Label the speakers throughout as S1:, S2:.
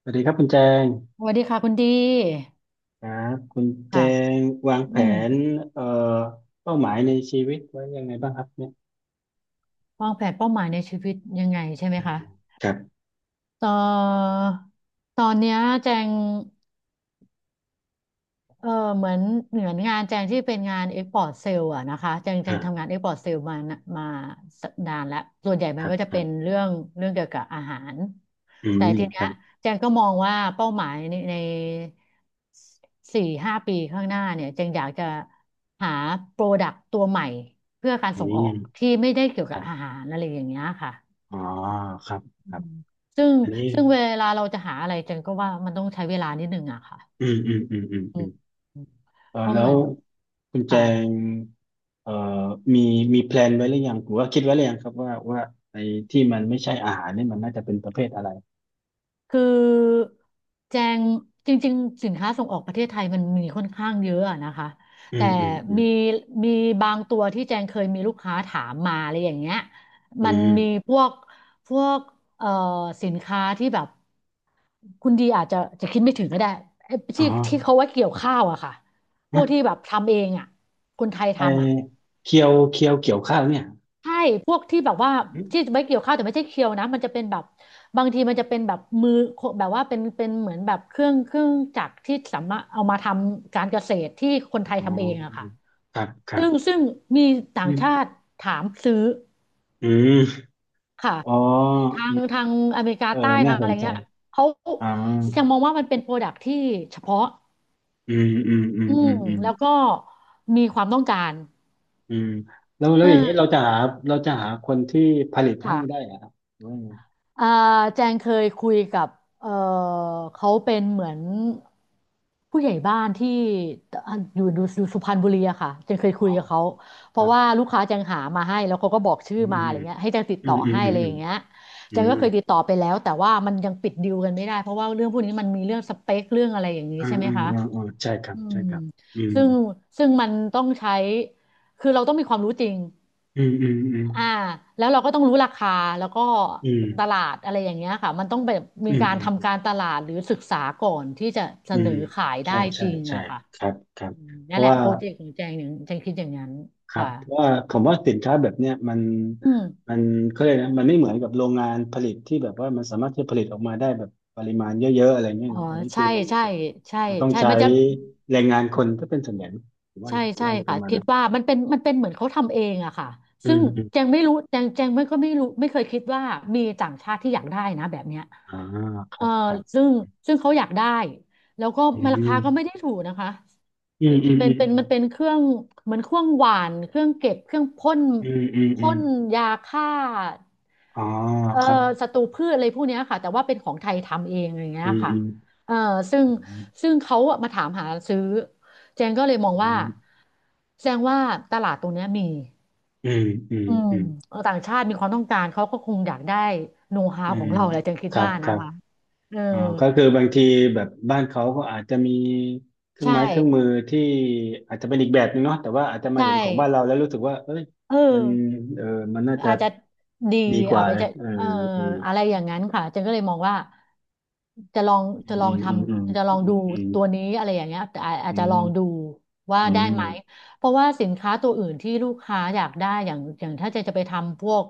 S1: สวัสดีครับคุณแจง
S2: สวัสดีค่ะคุณดี
S1: ครับคุณแจ
S2: ค่ะ
S1: งวางแผ
S2: อืม
S1: นเอ่อเป้าหมายในชีวิตไว้ยังไงบ้างครับเนี่ย
S2: วางแผนเป้าหมายในชีวิตยังไงใช่ไหม
S1: อืม
S2: คะ
S1: ครับ
S2: ต่อตอนเนี้ยแจง เออเหมือนงานแจงที่เป็นงานเอ็กพอร์ตเซลล์อะนะคะแจงทำงา
S1: อ่า
S2: นเอ็กพอร์ตเซลล์มานะดานานแล้วส่วนใหญ่
S1: ค
S2: มัน
S1: รับ
S2: ก็จะ
S1: ครั
S2: เป็น
S1: บ
S2: เรื่องเรื่องเกี่ยวกับอาหาร
S1: อื
S2: แต่
S1: ม
S2: ที
S1: ค
S2: เนี้ย
S1: รับ
S2: แจงก็มองว่าเป้าหมายในสี่ห้าปีข้างหน้าเนี่ยแจงอยากจะหาโปรดักต์ตัวใหม่เพื่อการ
S1: อื
S2: ส่งออก
S1: ม
S2: ที่ไม่ได้เกี่ยว
S1: ค
S2: กับ
S1: รั
S2: อา
S1: บ
S2: หารอะไรอย่างเงี้ยค่ะ
S1: อ๋อครับ
S2: อื
S1: ครับ
S2: มซึ่ง
S1: อันนี้
S2: เวลาเราจะหาอะไรแจงก็ว่ามันต้องใช้เวลานิดนึงอะค่ะ
S1: อืมอืมอืมอืม
S2: อื
S1: อื
S2: ม
S1: ม
S2: อืม
S1: เออ
S2: เพราะ
S1: แล้
S2: เหมื
S1: ว
S2: อน
S1: คุณแจ
S2: ค่ะ
S1: งเอ่อมีมีแพลนไว้หรือยังหรือว่าคิดไว้หรือยังครับว่าไอ้ที่มันไม่ใช่อาหารเนี่ยมันน่าจะเป็นประเภทอะไร
S2: คือแจงจริงๆสินค้าส่งออกประเทศไทยมันมีค่อนข้างเยอะอะนะคะ
S1: อื
S2: แต่
S1: มอืมอืม
S2: มีมีบางตัวที่แจงเคยมีลูกค้าถามมาอะไรอย่างเงี้ย
S1: อื
S2: มันมี
S1: ม
S2: พวกพวกเอ่อสินค้าที่แบบคุณดีอาจจะจะคิดไม่ถึงก็ได้ไอ้
S1: อ๋อ
S2: ที่ที่เขาไว่าเกี่ยวข้าวอะค่ะพว
S1: ฮะ
S2: กที่แบบทำเองอะคนไทย
S1: ไอ
S2: ทำอะ
S1: เคียวเกี่ยวข้าวเนี่ย
S2: ใช่ พวกที่แบบว่า
S1: อืม
S2: ที่ไว้เกี่ยวข้าวแต่ไม่ใช่เคียวนะ มันจะเป็นแบบบางทีมันจะเป็นแบบมือแบบว่าเป็นเหมือนแบบเครื่องจักรที่สามารถเอามาทำการเกษตรที่คนไทย
S1: อ๋อ
S2: ทำเองอะค่ะ
S1: ครับครั
S2: ซึ่
S1: บ
S2: งมีต่า
S1: อื
S2: งชาติ
S1: ม
S2: ถามซื้อ
S1: อืม
S2: ค่ะ
S1: อ๋อ
S2: ทา
S1: อื
S2: ง
S1: ม
S2: อเมริกา
S1: เออ
S2: ใต้
S1: น่า
S2: ทาง
S1: ส
S2: อะไร
S1: นใจ
S2: เงี้ยเขา
S1: อ๋อ
S2: ยังมองว่ามันเป็นโปรดักที่เฉพาะ
S1: อืมอืมอืม
S2: อื
S1: อื
S2: ม
S1: มอืม
S2: แล้วก็มีความต้องการ
S1: อืมแล้วอย่างนี้เรา
S2: เออ
S1: จะหาคนที่ผลิตให้ได้
S2: ค่ะ
S1: เหรอครับหรือว่าไง
S2: อ่าแจงเคยคุยกับเออเขาเป็นเหมือนผู้ใหญ่บ้านที่อยู่สุพรรณบุรีอะค่ะแจงเคย
S1: อ๋
S2: คุย
S1: อ
S2: กับเขาเพ
S1: ค
S2: ราะ
S1: รั
S2: ว่า
S1: บ
S2: ลูกค้าแจงหามาให้แล้วเขาก็บอกชื่อ
S1: อื
S2: มาอะ
S1: ม
S2: ไรเงี้ยให้แจงติด
S1: อื
S2: ต่อ
S1: มอืม
S2: ให้
S1: อื
S2: อะ
S1: ม
S2: ไร
S1: อื
S2: อ
S1: ม
S2: ย่างเงี้ย
S1: อื
S2: แจง
S1: ม
S2: ก็เคยติดต่อไปแล้วแต่ว่ามันยังปิดดีลกันไม่ได้เพราะว่าเรื่องพวกนี้มันมีเรื่องสเปคเรื่องอะไรอย่างนี้
S1: อื
S2: ใช่
S1: ม
S2: ไหม
S1: อืม
S2: คะ
S1: อืมอืมใช่ครั
S2: อื
S1: บ ใช่
S2: ม
S1: ครับอืม
S2: ซึ่งมันต้องใช้คือเราต้องมีความรู้จริง
S1: อืมอืมอื
S2: อ่า
S1: ม
S2: แล้วเราก็ต้องรู้ราคาแล้วก็
S1: อืม
S2: ตลาดอะไรอย่างเงี้ยค่ะมันต้องแบบมี
S1: อืม
S2: การ
S1: อื
S2: ทำ
S1: ม
S2: การตลาดหรือศึกษาก่อนที่จะเส
S1: อื
S2: น
S1: ม
S2: อขายได้
S1: ใช่
S2: จ
S1: ใช่
S2: ริง
S1: ใช่
S2: อะค่ะ
S1: ครับครับ
S2: อืม
S1: เพ
S2: นั่น
S1: ราะ
S2: แหละ
S1: ว่า
S2: โปรเจกต์ของแจงอย่างแจงคิดอย่างนั้น
S1: ครับ
S2: ค่ะ
S1: เพราะว่าผมว่าสินค้าแบบเนี้ยมัน
S2: อืม
S1: มันเขาเรียกนะมันไม่เหมือนกับโรงงานผลิตที่แบบว่ามันสามารถที่จะผลิตออกมาได้แบบปริมาณเยอะๆอะไรเงี้ย
S2: อ๋อ
S1: เนาะอันนี้คื
S2: ใช่
S1: อมันเหมือ
S2: ใช่
S1: นกับ
S2: ใช่
S1: มันต้อง
S2: ใช่
S1: ใช้
S2: มันจะ
S1: แรงงานคนก็เป็นส่วนใหญ่นะผมว่า
S2: ใช่ใช่
S1: จะป
S2: ค่ะ
S1: ระมาณ
S2: คิด
S1: นั้น
S2: ว่ามันเป็นมันเป็นเหมือนเขาทำเองอะค่ะ
S1: อื
S2: ซึ่
S1: ม
S2: ง
S1: อืม
S2: แจงไม่รู้แจงไม่ก็ไม่รู้ไม่เคยคิดว่ามีต่างชาติที่อยากได้นะแบบเนี้ย
S1: อ่าค
S2: เอ
S1: รั
S2: อ
S1: บครับ
S2: ซึ่งเขาอยากได้แล้วก็
S1: อื
S2: มันราคาก็ไม่
S1: ม
S2: ได้ถูกนะคะ
S1: อื
S2: เป็
S1: ม
S2: น
S1: อืมอืม
S2: มันเป็นเครื่องเหมือนเครื่องหวานเครื่องเก็บเครื่องพ่น
S1: อืมอืมอื
S2: พ่
S1: ม
S2: นยาฆ่า
S1: อ๋อ
S2: เอ่อ
S1: ครับ
S2: ศัตรูพืชอะไรพวกเนี้ยค่ะแต่ว่าเป็นของไทยทำเองอย่างเงี้
S1: อื
S2: ย
S1: ม
S2: ค่ะ
S1: อืม
S2: เอ่อซึ่ง
S1: อื
S2: เขาอะมาถามหาซื้อ เจนก็เลยมองว่า
S1: ม
S2: แสดงว่าตลาดตรงเนี้ยมี
S1: อืมอืม
S2: อืม
S1: อืมอืม
S2: เออต่างชาติมีความต้องการเขาก็คงอยากได้โน้ตฮา
S1: อื
S2: วขอ
S1: ม
S2: งเราแหละเจนคิ
S1: ค
S2: ด
S1: รับ
S2: ว่า
S1: ค
S2: นะ
S1: รับ
S2: คะเออ
S1: อ๋อก็คือบางทีแบบบ้านเขาก็อาจจะมีเครื่อง
S2: ใช่
S1: ไม้เครื่องมือที่อาจจะเป็นอีกแบบนึงเนาะแต่ว่าอาจจะมา
S2: ใช่
S1: เห็นของบ้านเราแล้วรู้สึกว่าเอ้ย
S2: เออ
S1: มันเออมันน่าจะ
S2: อาจจะดี
S1: ดีก
S2: เอา
S1: ว่า
S2: ไป
S1: เลย
S2: จะ
S1: เอ
S2: เอ่อ
S1: อเออ
S2: อะไรอย่างนั้นค่ะเจนก็เลยมองว่าจะลอง
S1: อื
S2: จะลอง
S1: ม
S2: ท
S1: อืมอืม
S2: ำจะลองดู
S1: อืม
S2: ตัวนี้อะไรอย่างเงี้ยแต่อา
S1: อื
S2: จจะล
S1: ม
S2: องดูว่า
S1: อื
S2: ได้ไหม
S1: ม
S2: เพราะว่าสินค้าตัวอื่นที่ลูกค้าอยากได้อย่างถ้าเจนจะไปทำพวก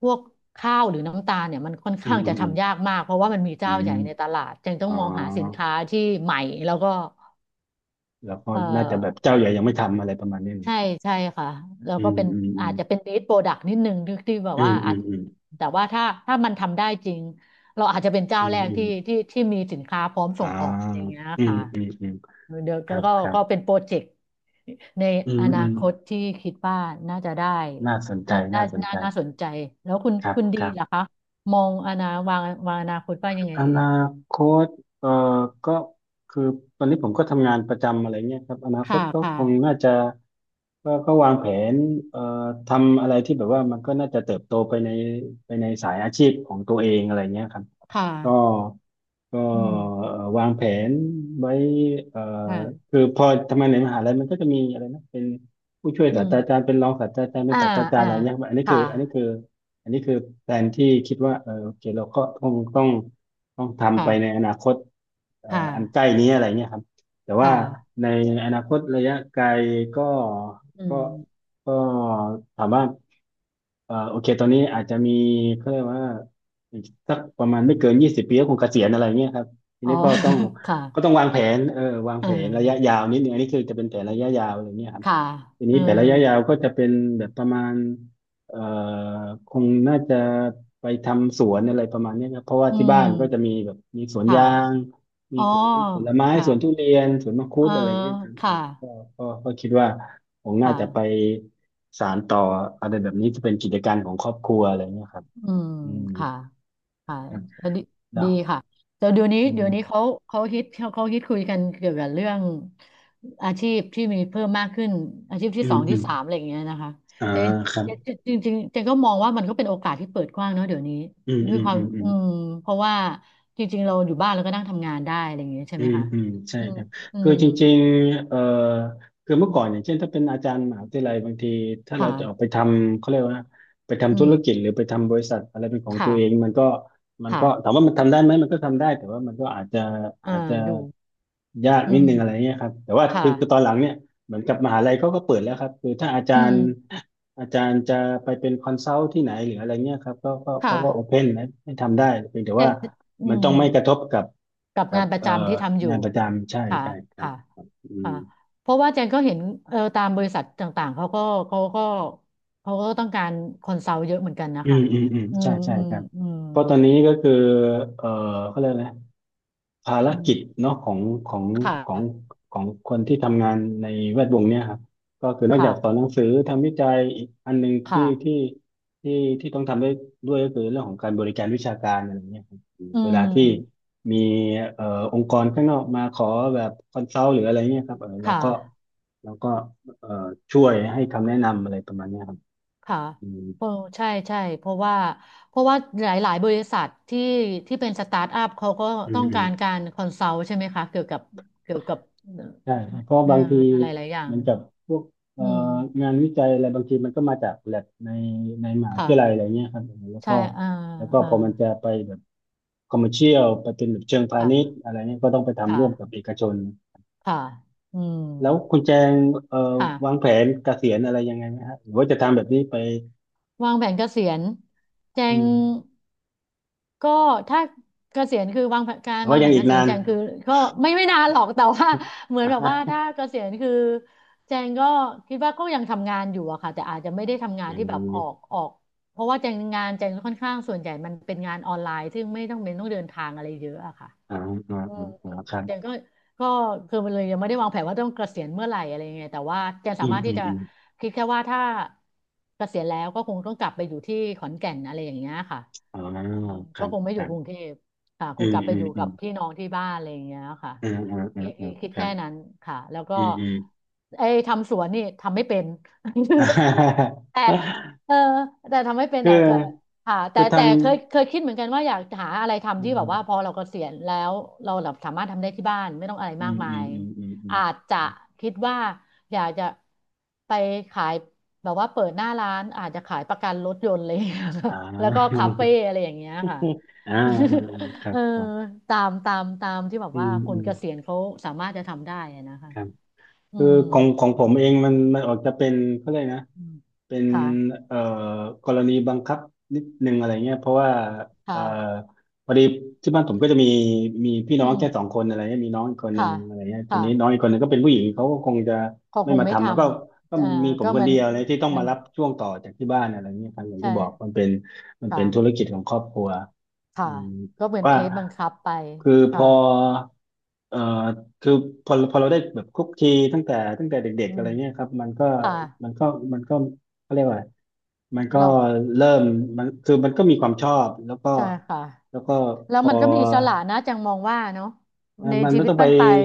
S2: พวกข้าวหรือน้ำตาลเนี่ยมันค่อน
S1: อืม
S2: ข้าง
S1: อื
S2: จะ
S1: มอืม
S2: ทำยากมากเพราะว่ามันมี
S1: อื
S2: เจ้า
S1: ม
S2: ใหญ่ในตลาดเจนต้อ
S1: อ๋
S2: ง
S1: อ
S2: มองหาสินค้าที่ใหม่แล้วก็
S1: แล้วก็
S2: เอ่อ
S1: น่าจะแบบเจ้าใหญ่ยังไม่ทำอะไรประมาณนี้
S2: ใช่ใช่ค่ะแล้ว
S1: อื
S2: ก็
S1: ม
S2: เป็น
S1: อืมอื
S2: อา
S1: ม
S2: จจะเป็น lead product นิดนึงที่แบบ
S1: อื
S2: ว่า
S1: มอื
S2: อาจ
S1: มอืม
S2: แต่ว่าถ้ามันทำได้จริงเราอาจจะเป็นเจ้า
S1: อืม
S2: แรก
S1: อืม
S2: ที่มีสินค้าพร้อมส่
S1: อ่า
S2: งออกอย่างเงี้ย
S1: อืม
S2: ค่ะ
S1: อืมอืม
S2: เดี๋ยว
S1: ครับครั
S2: ก็เป็
S1: บ
S2: นโปรเจกต์ใน
S1: อืม
S2: อนา
S1: อืม
S2: คตที่คิดว่าน่าจะได้
S1: น่าสนใจน่าสนใจ
S2: น่าสนใจแล้ว
S1: ครับ
S2: คุณ
S1: ค
S2: ดี
S1: รับ
S2: เหรอคะมองอนาวางวางอนาคตว่ายังไง
S1: อ
S2: เอ่ย
S1: นาคตเอ่อก็คือตอนนี้ผมก็ทำงานประจำอะไรเงี้ยครับอนาคต
S2: ค่ะ
S1: ก็
S2: ค่ะ
S1: คงน่าจะก็วางแผนเอ่อทำอะไรที่แบบว่ามันก็น่าจะเติบโตไปในสายอาชีพของตัวเองอะไรเงี้ยครับ
S2: ค
S1: ก็
S2: ่ะ
S1: ก็
S2: อืม
S1: วางแผนไว้เอ่อ
S2: ค่ะ
S1: คือพอทำงานในมหาลัยมันก็จะมีอะไรนะเป็นผู้ช่วย
S2: อื
S1: ศาส
S2: ม
S1: ตราจารย์เป็นรองศาสตราจารย์เป็น
S2: อ่า
S1: ศาสตราจารย์
S2: อ่า
S1: อะไรเงี้ยับอันนี้คื
S2: ค่ะ
S1: ออันนี้คืออันนี้คือแผนที่คิดว่าเออโอเคเราก็ต้องทำ
S2: ค่ะ
S1: ไปในอนาคต
S2: ค่ะ
S1: อันใกล้นี้อะไรเงี้ยครับแต่
S2: ค
S1: ว่า
S2: ่ะ
S1: ในอนาคตระยะไกลก็
S2: อื
S1: ก็
S2: ม
S1: ก็ถามว่าโอเคตอนนี้อาจจะมีเขาเรียกว่า อีกสักประมาณไม่เกิน20 ปีก็คงเกษียณอะไรเงี้ยครับที
S2: อ๋อ
S1: นี้ก็ต้อง
S2: ค่ะ
S1: ก็ต้องวางแผนเออวาง
S2: เออ
S1: แผนระยะยาวนิดนึงอันนี้คือจะเป็นแผนระยะยาวอะไรเงี้ยครับ
S2: ค่ะ
S1: ที
S2: เอ
S1: นี้
S2: อ
S1: แผนระยะยาวก็จะเป็นแบบประมาณเอ่อคงน่าจะไปทำสวนอะไรประมาณเนี้ยครับเพราะว่า
S2: อื
S1: ที่บ้านก็จะ
S2: ม
S1: มีแบบมีสวน
S2: ค่ะ
S1: ยางมี
S2: อ๋อ
S1: สวนผลไม้
S2: ค่ะ
S1: สวนทุเรียนสวนมังคุ
S2: เออ
S1: ดอะไรเงี้ยครับอื
S2: ค่ะ
S1: มก็คิดว่าคงน่า
S2: ค่ะ
S1: จะไปสานต่ออะไรแบบนี้จะเป็นกิจการของครอบครัวอะไรเงี้ยครับ
S2: อืม
S1: อืม
S2: ค่ะ ค่ะแล้วดี
S1: เนาะ
S2: ค่ะแต่เดี๋ยวนี้
S1: อื
S2: เดี๋ยวนี้
S1: ม
S2: เขาเขาฮิตคุยกันเกี่ยวกับเรื่องอาชีพที่มีเพิ่มมากขึ้นอาชีพ
S1: อื
S2: ที่ส
S1: ม
S2: อง
S1: อื
S2: ที่
S1: ม
S2: สามอะไรอย่างเงี้ยนะคะ
S1: อ่า
S2: แต่
S1: ครับ
S2: จริงจริงๆเจนก็มองว่ามันก็เป็นโอกาสที่เปิดกว้างเนาะเดี๋ยวนี้
S1: อืม
S2: ด้ว
S1: อื
S2: ย
S1: ม
S2: ควา
S1: อื
S2: ม
S1: มอืม
S2: เพราะว่าจริงๆเราอยู่บ้านเราก็นั่งทำงานได้อะไรอย่างเงี้ยใช่
S1: อื
S2: ไหม
S1: ม
S2: คะ
S1: อืมใช่
S2: อืม
S1: ครับ
S2: อื
S1: คือ
S2: ม
S1: จริงๆคือ
S2: อื
S1: เมื่อก่อนอย่าง
S2: ม
S1: เช่นถ้าเป็นอาจารย์มหาวิทยาลัยบางทีถ้าเราจะออกไป
S2: ค่ะ
S1: ทำเขาเรียกว่าไป
S2: อื
S1: ทำธุรกิจ
S2: ม
S1: หรือไปทำบริษัทอะไรเป็นของตัวเอง
S2: ค่ะ
S1: มันก็มัน
S2: ค่ะ
S1: ก็ถามว่ามันทำได้ไหมมันก็ทำได้แต่ว่ามันก็อาจจะ
S2: อ่า
S1: อาจจะ
S2: ดู
S1: ยาก
S2: อื
S1: นิดนึงอะไร
S2: ม
S1: เงี้ยครับแต่ว่าคื
S2: ค่ะ
S1: อคือตอนหลังเนี่ยเหมือนกับมหาลัยเขาก็เปิดแล้วครับคือถ้าอาจา
S2: อื
S1: รย์
S2: ม
S1: อาจารย์จะไปเป็นคอนซัลท์ที่ไหนหรืออะไรเงี้ยครับก็
S2: ค่ะ
S1: เขาก็โอเพนนะให้ทำได้เพียงแต่
S2: แต่
S1: ว่า
S2: แต่อื
S1: มัน
S2: ม
S1: ต้องไม่กระทบกับ
S2: กับ
S1: กั
S2: งา
S1: บ
S2: นประ
S1: เอ่อ
S2: จำที่ทำอยู่
S1: งานประจำใช่
S2: ค่ะ
S1: ใช่ครับ
S2: ค่ะ
S1: อืม
S2: ค่ะเพราะว่าเจนก็เห็นเออตามบริษัทต่างๆ เขาก็เขาก็ต้องการคอนเซาเยอะเหมือนกันนะ
S1: อื
S2: คะ
S1: มอืมอืม
S2: อื
S1: ใช่
S2: ม
S1: ใช่
S2: อืม
S1: ครับ
S2: อืม
S1: เพราะตอนนี้ก็คือเอ่อเขาเรียกอะไรนะ ภาร
S2: อืม
S1: กิจเนาะของ
S2: ค่ะ
S1: ของของคนที่ทำงานในแวดวงเนี้ยครับก็คือนอกจา
S2: ค่ะ
S1: กสอนหนังสือทำวิจัยอีกอันหนึ่ง
S2: ค่ะ
S1: ที่ที่ต้องทำได้ด้วยก็คือเรื่องของการบริการวิชาการอะไรเงี้ยครับ
S2: อื
S1: เวลาที่
S2: ม
S1: มีเอ่อองค์กรข้างนอกมาขอแบบคอนซัลท์หรืออะไรเงี้ยครับเออเรา
S2: ค่ะ
S1: ก็เราก็เอ่อช่วยให้คำแนะนำอะไรประมาณเนี้ยครับ
S2: ค่ะ
S1: อืม
S2: เพราะใช่เพราะว่าหลายๆบริษัทที่ที่เป็นสตาร์ทอัพเขาก็
S1: อื
S2: ต้
S1: ม
S2: อง
S1: อื
S2: กา
S1: ม
S2: รการคอนซัลท์ใช่ไหมคะ เกี่ยวกับเกี่ยวกับ
S1: ใช่ครับเพราะ
S2: เอ่อ
S1: บางที
S2: อะไรหลายอย่า
S1: เห
S2: ง
S1: มือนกับพวกเอ่
S2: อื
S1: อ
S2: ม
S1: งานวิจัยอะไรบางทีมันก็มาจากแลบในมหาวิ
S2: ค่ะ
S1: ทยาลัยอะไรเงี้ยครับแล้ว
S2: ใช่
S1: ก็
S2: อ่า
S1: แล้วก็
S2: อ่า
S1: พอมันจะไปแบบคอมเมอร์เชียลไปเป็นแบบเชิงพา
S2: ค่ะ
S1: ณิชย์อะไรเงี้ยก็ต้องไปทำร่วมกับ
S2: ค่ะ
S1: เอกชน
S2: ค่ะอืม
S1: แล้วคุณแจงเอ่อ
S2: ค่ะ
S1: วางแผนเกษียณอะไรยังไงไหมฮะหรือว่าจะทำแบบนี้ไป
S2: วางแผนเกษียณแจ
S1: อื
S2: ง
S1: ม
S2: ก็ถ้าเกษียณคือ
S1: หรือ
S2: วา
S1: ว่า
S2: งแผ
S1: ยัง
S2: น
S1: อี
S2: เก
S1: ก
S2: ษีย
S1: นา
S2: ณ
S1: น
S2: แจงคือก็ ไม่นานหรอก แต่ว่าเหมือน
S1: อ่า
S2: แบบ
S1: ฮะ
S2: ว่าถ้าเกษียณคือแจงก็คิดว่าก็ยังทำงานอยู่อะค่ะแต่อาจจะไม่ได้ทำงาน
S1: อื
S2: ที่แบบออก
S1: ม
S2: ออกเพราะว่าแจงงานแจงค่อนข้างส่วนใหญ่มันเป็นงานออนไลน์ซึ่งไม่ต้องเป็นต้องเดินทางอะไรเยอะอะค่ะ
S1: อ่าอ๋าอ่า
S2: อืม
S1: อ่ค
S2: อืม
S1: รับ
S2: เจนก็ก็คือมันเลยยังไม่ได้วางแผนว่าต้องเกษียณเมื่อไหร่อะไรยังไงแต่ว่าเจน
S1: อื
S2: สา
S1: ม
S2: มารถ
S1: อื
S2: ที่
S1: ม
S2: จะ
S1: อืม
S2: คิดแค่ว่าถ้าเกษียณแล้วก็คงต้องกลับไปอยู่ที่ขอนแก่นอะไรอย่างเงี้ยค่ะ
S1: อ่
S2: เออ
S1: ค
S2: ก็
S1: รับ
S2: คงไม่
S1: ค
S2: อยู่
S1: รั
S2: กรุง
S1: บ
S2: เทพค่ะค
S1: อื
S2: ง
S1: ม
S2: กลับไป
S1: อื
S2: อ
S1: ม
S2: ยู่
S1: อื
S2: กั
S1: ม
S2: บพี่น้องที่บ้านอะไรอย่างเงี้ยค่ะ
S1: อืมอืมอื
S2: คิ
S1: ม
S2: ดคิ
S1: อ่า
S2: ดคิด
S1: ครั
S2: แค่
S1: บ
S2: นั้นค่ะแล้วก็
S1: อืมอืม
S2: ไอ้ทำสวนนี่ทำไม่เป็น แต่
S1: อ่า
S2: เออแต่ทำไม่เป็น
S1: คือ
S2: แต่ก็ ค่ะแต่
S1: คือ
S2: แต่
S1: ทำ
S2: เคยคิดเหมือนกันว่าอยากหาอะไร
S1: อื
S2: ทำที่แบบว่าพอ
S1: ม
S2: เราเกษียณแล้วเราแบบสามารถทำได้ที่บ้านไม่ต้องอะไร
S1: อื
S2: มาก
S1: ม
S2: มา
S1: อืม
S2: ย
S1: อืมอืมอืม
S2: อาจจะคิดว่าอยากจะไปขายแบบว่าเปิดหน้าร้านอาจจะขายประกันรถยนต์อะไรอย่างเงี้ย
S1: อ่า
S2: แล้วก็คาเฟ่อะไรอย่างเงี้ยค่ะ
S1: อ่าอ่า อ่าครั
S2: เอ
S1: บ
S2: อ
S1: ครับ
S2: ตามที่แบบ
S1: อื
S2: ว่า
S1: ม
S2: ค
S1: อื
S2: น
S1: ม
S2: เกษียณเขาสามารถจะทำได้อะนะคะ
S1: ครับ
S2: อื
S1: คือ
S2: ม
S1: ของผมเองมันออกจะเป็นเขาเลยกนะ
S2: อืม
S1: เป็น
S2: ค่ะ
S1: เอ่อกรณีบังคับนิดนึงอะไรเงี้ยเพราะว่าเอ่อ
S2: ค่ะ
S1: พอดีที่บ้านผมก็จะมีพี่
S2: อื
S1: น้อง
S2: ม
S1: แค่สองคนอะไรเงี้ยมีน้องอีกคนห
S2: ค่ะ
S1: นึ่งอะไรเงี้ยที
S2: ค่ะ
S1: นี้น้องอีกคนหนึ่งก็เป็นผู้หญิงเขาก็คงจะ
S2: เขา
S1: ไม่
S2: คง
S1: มา
S2: ไม่ท
S1: ทำแล้วก็
S2: ำ
S1: ก็มีผม
S2: ก็
S1: ค
S2: เห
S1: น
S2: มือน
S1: เดียวเลยที่ต้อง
S2: มัน
S1: มารับช่วงต่อจากที่บ้านอะไรเงี้ยครับอย่าง
S2: ใช่
S1: ที่บอกมันเป็นธุร
S2: ค่ะ
S1: กิจของครอบครัว
S2: ค่ะ
S1: อืม
S2: ก็เห
S1: แต่
S2: มือนเค
S1: ว่า
S2: สบังคับไป
S1: คือพ
S2: ค่ะ
S1: อเอ่อคือพอเราได้แบบคุกคีตั้งแต่เด็ก
S2: อื
S1: ๆอะ
S2: ม
S1: ไรเงี้ยครับมันก็
S2: ค่ะ
S1: มันก็มันก็เขาเรียกว่าอะไรมันก็
S2: เรา
S1: เริ่มมันคือมันก็มีความชอบแล้วก็
S2: ใช่ค่ะ
S1: แล้วก็
S2: แล้
S1: พ
S2: ว
S1: อ
S2: มันก็มีอิสระนะจังมองว่าเนาะ
S1: เอ่อ
S2: ใน
S1: มัน
S2: ชี
S1: ไม่
S2: วิต
S1: ต้องไป
S2: ปั้นไปลาย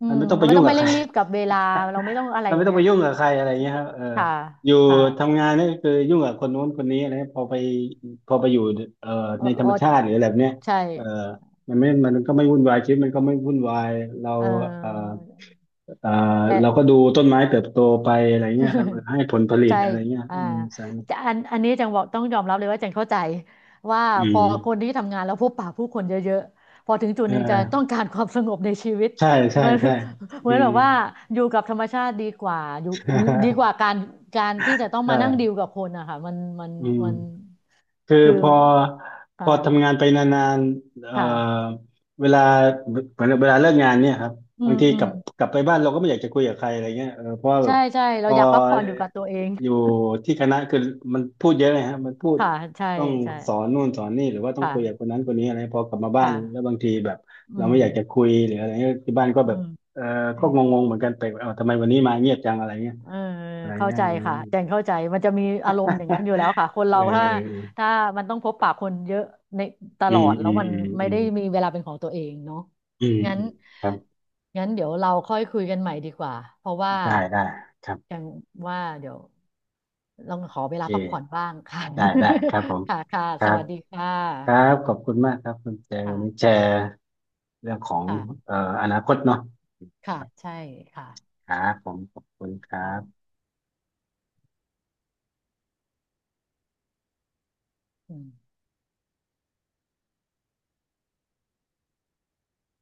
S2: อื
S1: มัน
S2: ม
S1: ไม่ต้องไป
S2: เราไม่
S1: ยุ่ง
S2: ต้องไป
S1: กับใค
S2: เร่
S1: ร
S2: งรีบกับเวลา เราไม่ต้องอะ ไร
S1: มัน
S2: อย่า
S1: ไม่
S2: ง
S1: ต้อง
S2: เงี้ย
S1: ไปยุ่งกับใครอะไรเงี้ยครับเออ
S2: ค่ะ
S1: อยู่
S2: ค
S1: ทำ
S2: ่ะ
S1: งานนี่คือยุ่งกับคนนู้นคนนี้อะไรเงี้ยพอไปอยู่เอ่อ
S2: เออ
S1: ในธร
S2: เอ
S1: ร
S2: อ
S1: มชาติหรืออะไรแบบเนี้ย
S2: ใช่
S1: เออมันไม่มันก็ไม่วุ่นวายชีวิตมันก็ไม่วุ่นวายเรา
S2: เ
S1: เอ่อ
S2: ออ
S1: เอ่อ
S2: แต่
S1: เราก็ดูต้นไม้เติบโตไปอะไรเงี้ ยครับเออให้ผลผลิต
S2: ใช่
S1: อะไรเงี้ย
S2: อ่า
S1: อืมสาม
S2: จะอันนี้จังบอกต้องยอมรับเลยว่าจังเข้าใจว่า
S1: อื
S2: พอคน
S1: ม
S2: ที่ทำงานแล้วพบปะผู้คนเยอะๆพอถึงจุด
S1: เ
S2: หนึ่งจะต้อ
S1: ออ
S2: งการความสงบในชีวิต
S1: ใช่
S2: เห
S1: ใช่
S2: มือน
S1: ใช่
S2: เหมื
S1: อื
S2: อนแบ
S1: ม
S2: บว่าอยู่กับธรรมชาติดีกว่าอยู่ดีก ว่าการที่จะต้องมานั่งดีล
S1: ใช่
S2: กับคนอะค่ะมัน
S1: อืม
S2: มัน
S1: คือ
S2: คื
S1: พ
S2: อ
S1: อพ
S2: อ่า
S1: อทำงานไปนานๆ
S2: ค่ะ
S1: เวลาเหมือนเวลาเลิกงานเนี่ยครับ
S2: อื
S1: บาง
S2: ม
S1: ที
S2: อื
S1: กลั
S2: ม
S1: บกลับไปบ้านเราก็ไม่อยากจะคุยกับใครอะไรเงี้ยเออเพราะว่าแบ
S2: ใช่
S1: บ
S2: ใช่
S1: พ
S2: เรา
S1: อ
S2: อยากพักผ่อนอยู่กับตัวเอง
S1: อยู่ที่คณะคือมันพูดเยอะเลยฮะมันพูด
S2: ค่ะใช่
S1: ต้อง
S2: ใช่
S1: สอนนู่นสอนนี่หรือว่าต้
S2: ค
S1: องคุยกับคน
S2: ่ะ
S1: นั้นคนนี้อะไรพอกลับมาบ้าน
S2: ค่ะ
S1: แล้วบางทีแบบ
S2: อื
S1: เราไม่อยากจะ
S2: ม
S1: คุยหรืออะไรเงี้ยที่บ้านก็
S2: อื
S1: แบบ
S2: ม
S1: เออก็งงๆเหมือนกันไปลกเออทำไมวันนี้มาเงียบจังอะไรเงี้ย
S2: เออ
S1: อะไร
S2: เข้า
S1: เงี้ย
S2: ใจค่ะแจงเข้าใจมันจะมีอารมณ์อย่างนั้นอยู่แล้วค่ะ คน
S1: เออ
S2: เรา
S1: เออ
S2: ถ้า
S1: เออ
S2: ถ้ามันต้องพบปะคนเยอะในต
S1: อื
S2: ลอ
S1: ม
S2: ดแล้
S1: อื
S2: ว
S1: ม
S2: มัน
S1: อืม
S2: ไม่
S1: อืม
S2: ได้มีเวลาเป็นของตัวเองเนาะ
S1: อืม
S2: งั้น
S1: อืมครับ
S2: งั้นเดี๋ยวเราค่อยคุยกันใหม่ดีกว่าเพราะว่า
S1: ได้ได้ครับ
S2: แจงว่าเดี๋ยวลองขอ
S1: โอ
S2: เว
S1: เค
S2: ลาพักผ่อนบ้างค่ะ
S1: ได้ได้ครับผม
S2: ค่ะค่ะ
S1: ครั
S2: ส
S1: บ
S2: วัสดีค่
S1: ครั
S2: ะ
S1: บขอบคุณมากครับคุณแจงวันนี้
S2: ค่ะ
S1: แชร์เรื่องของ
S2: ค่ะ
S1: เอ่ออนาคตเนาะ
S2: ค่ะใช่ค่ะ
S1: ครับผมขอบคุณครั
S2: เรา
S1: บ
S2: อืม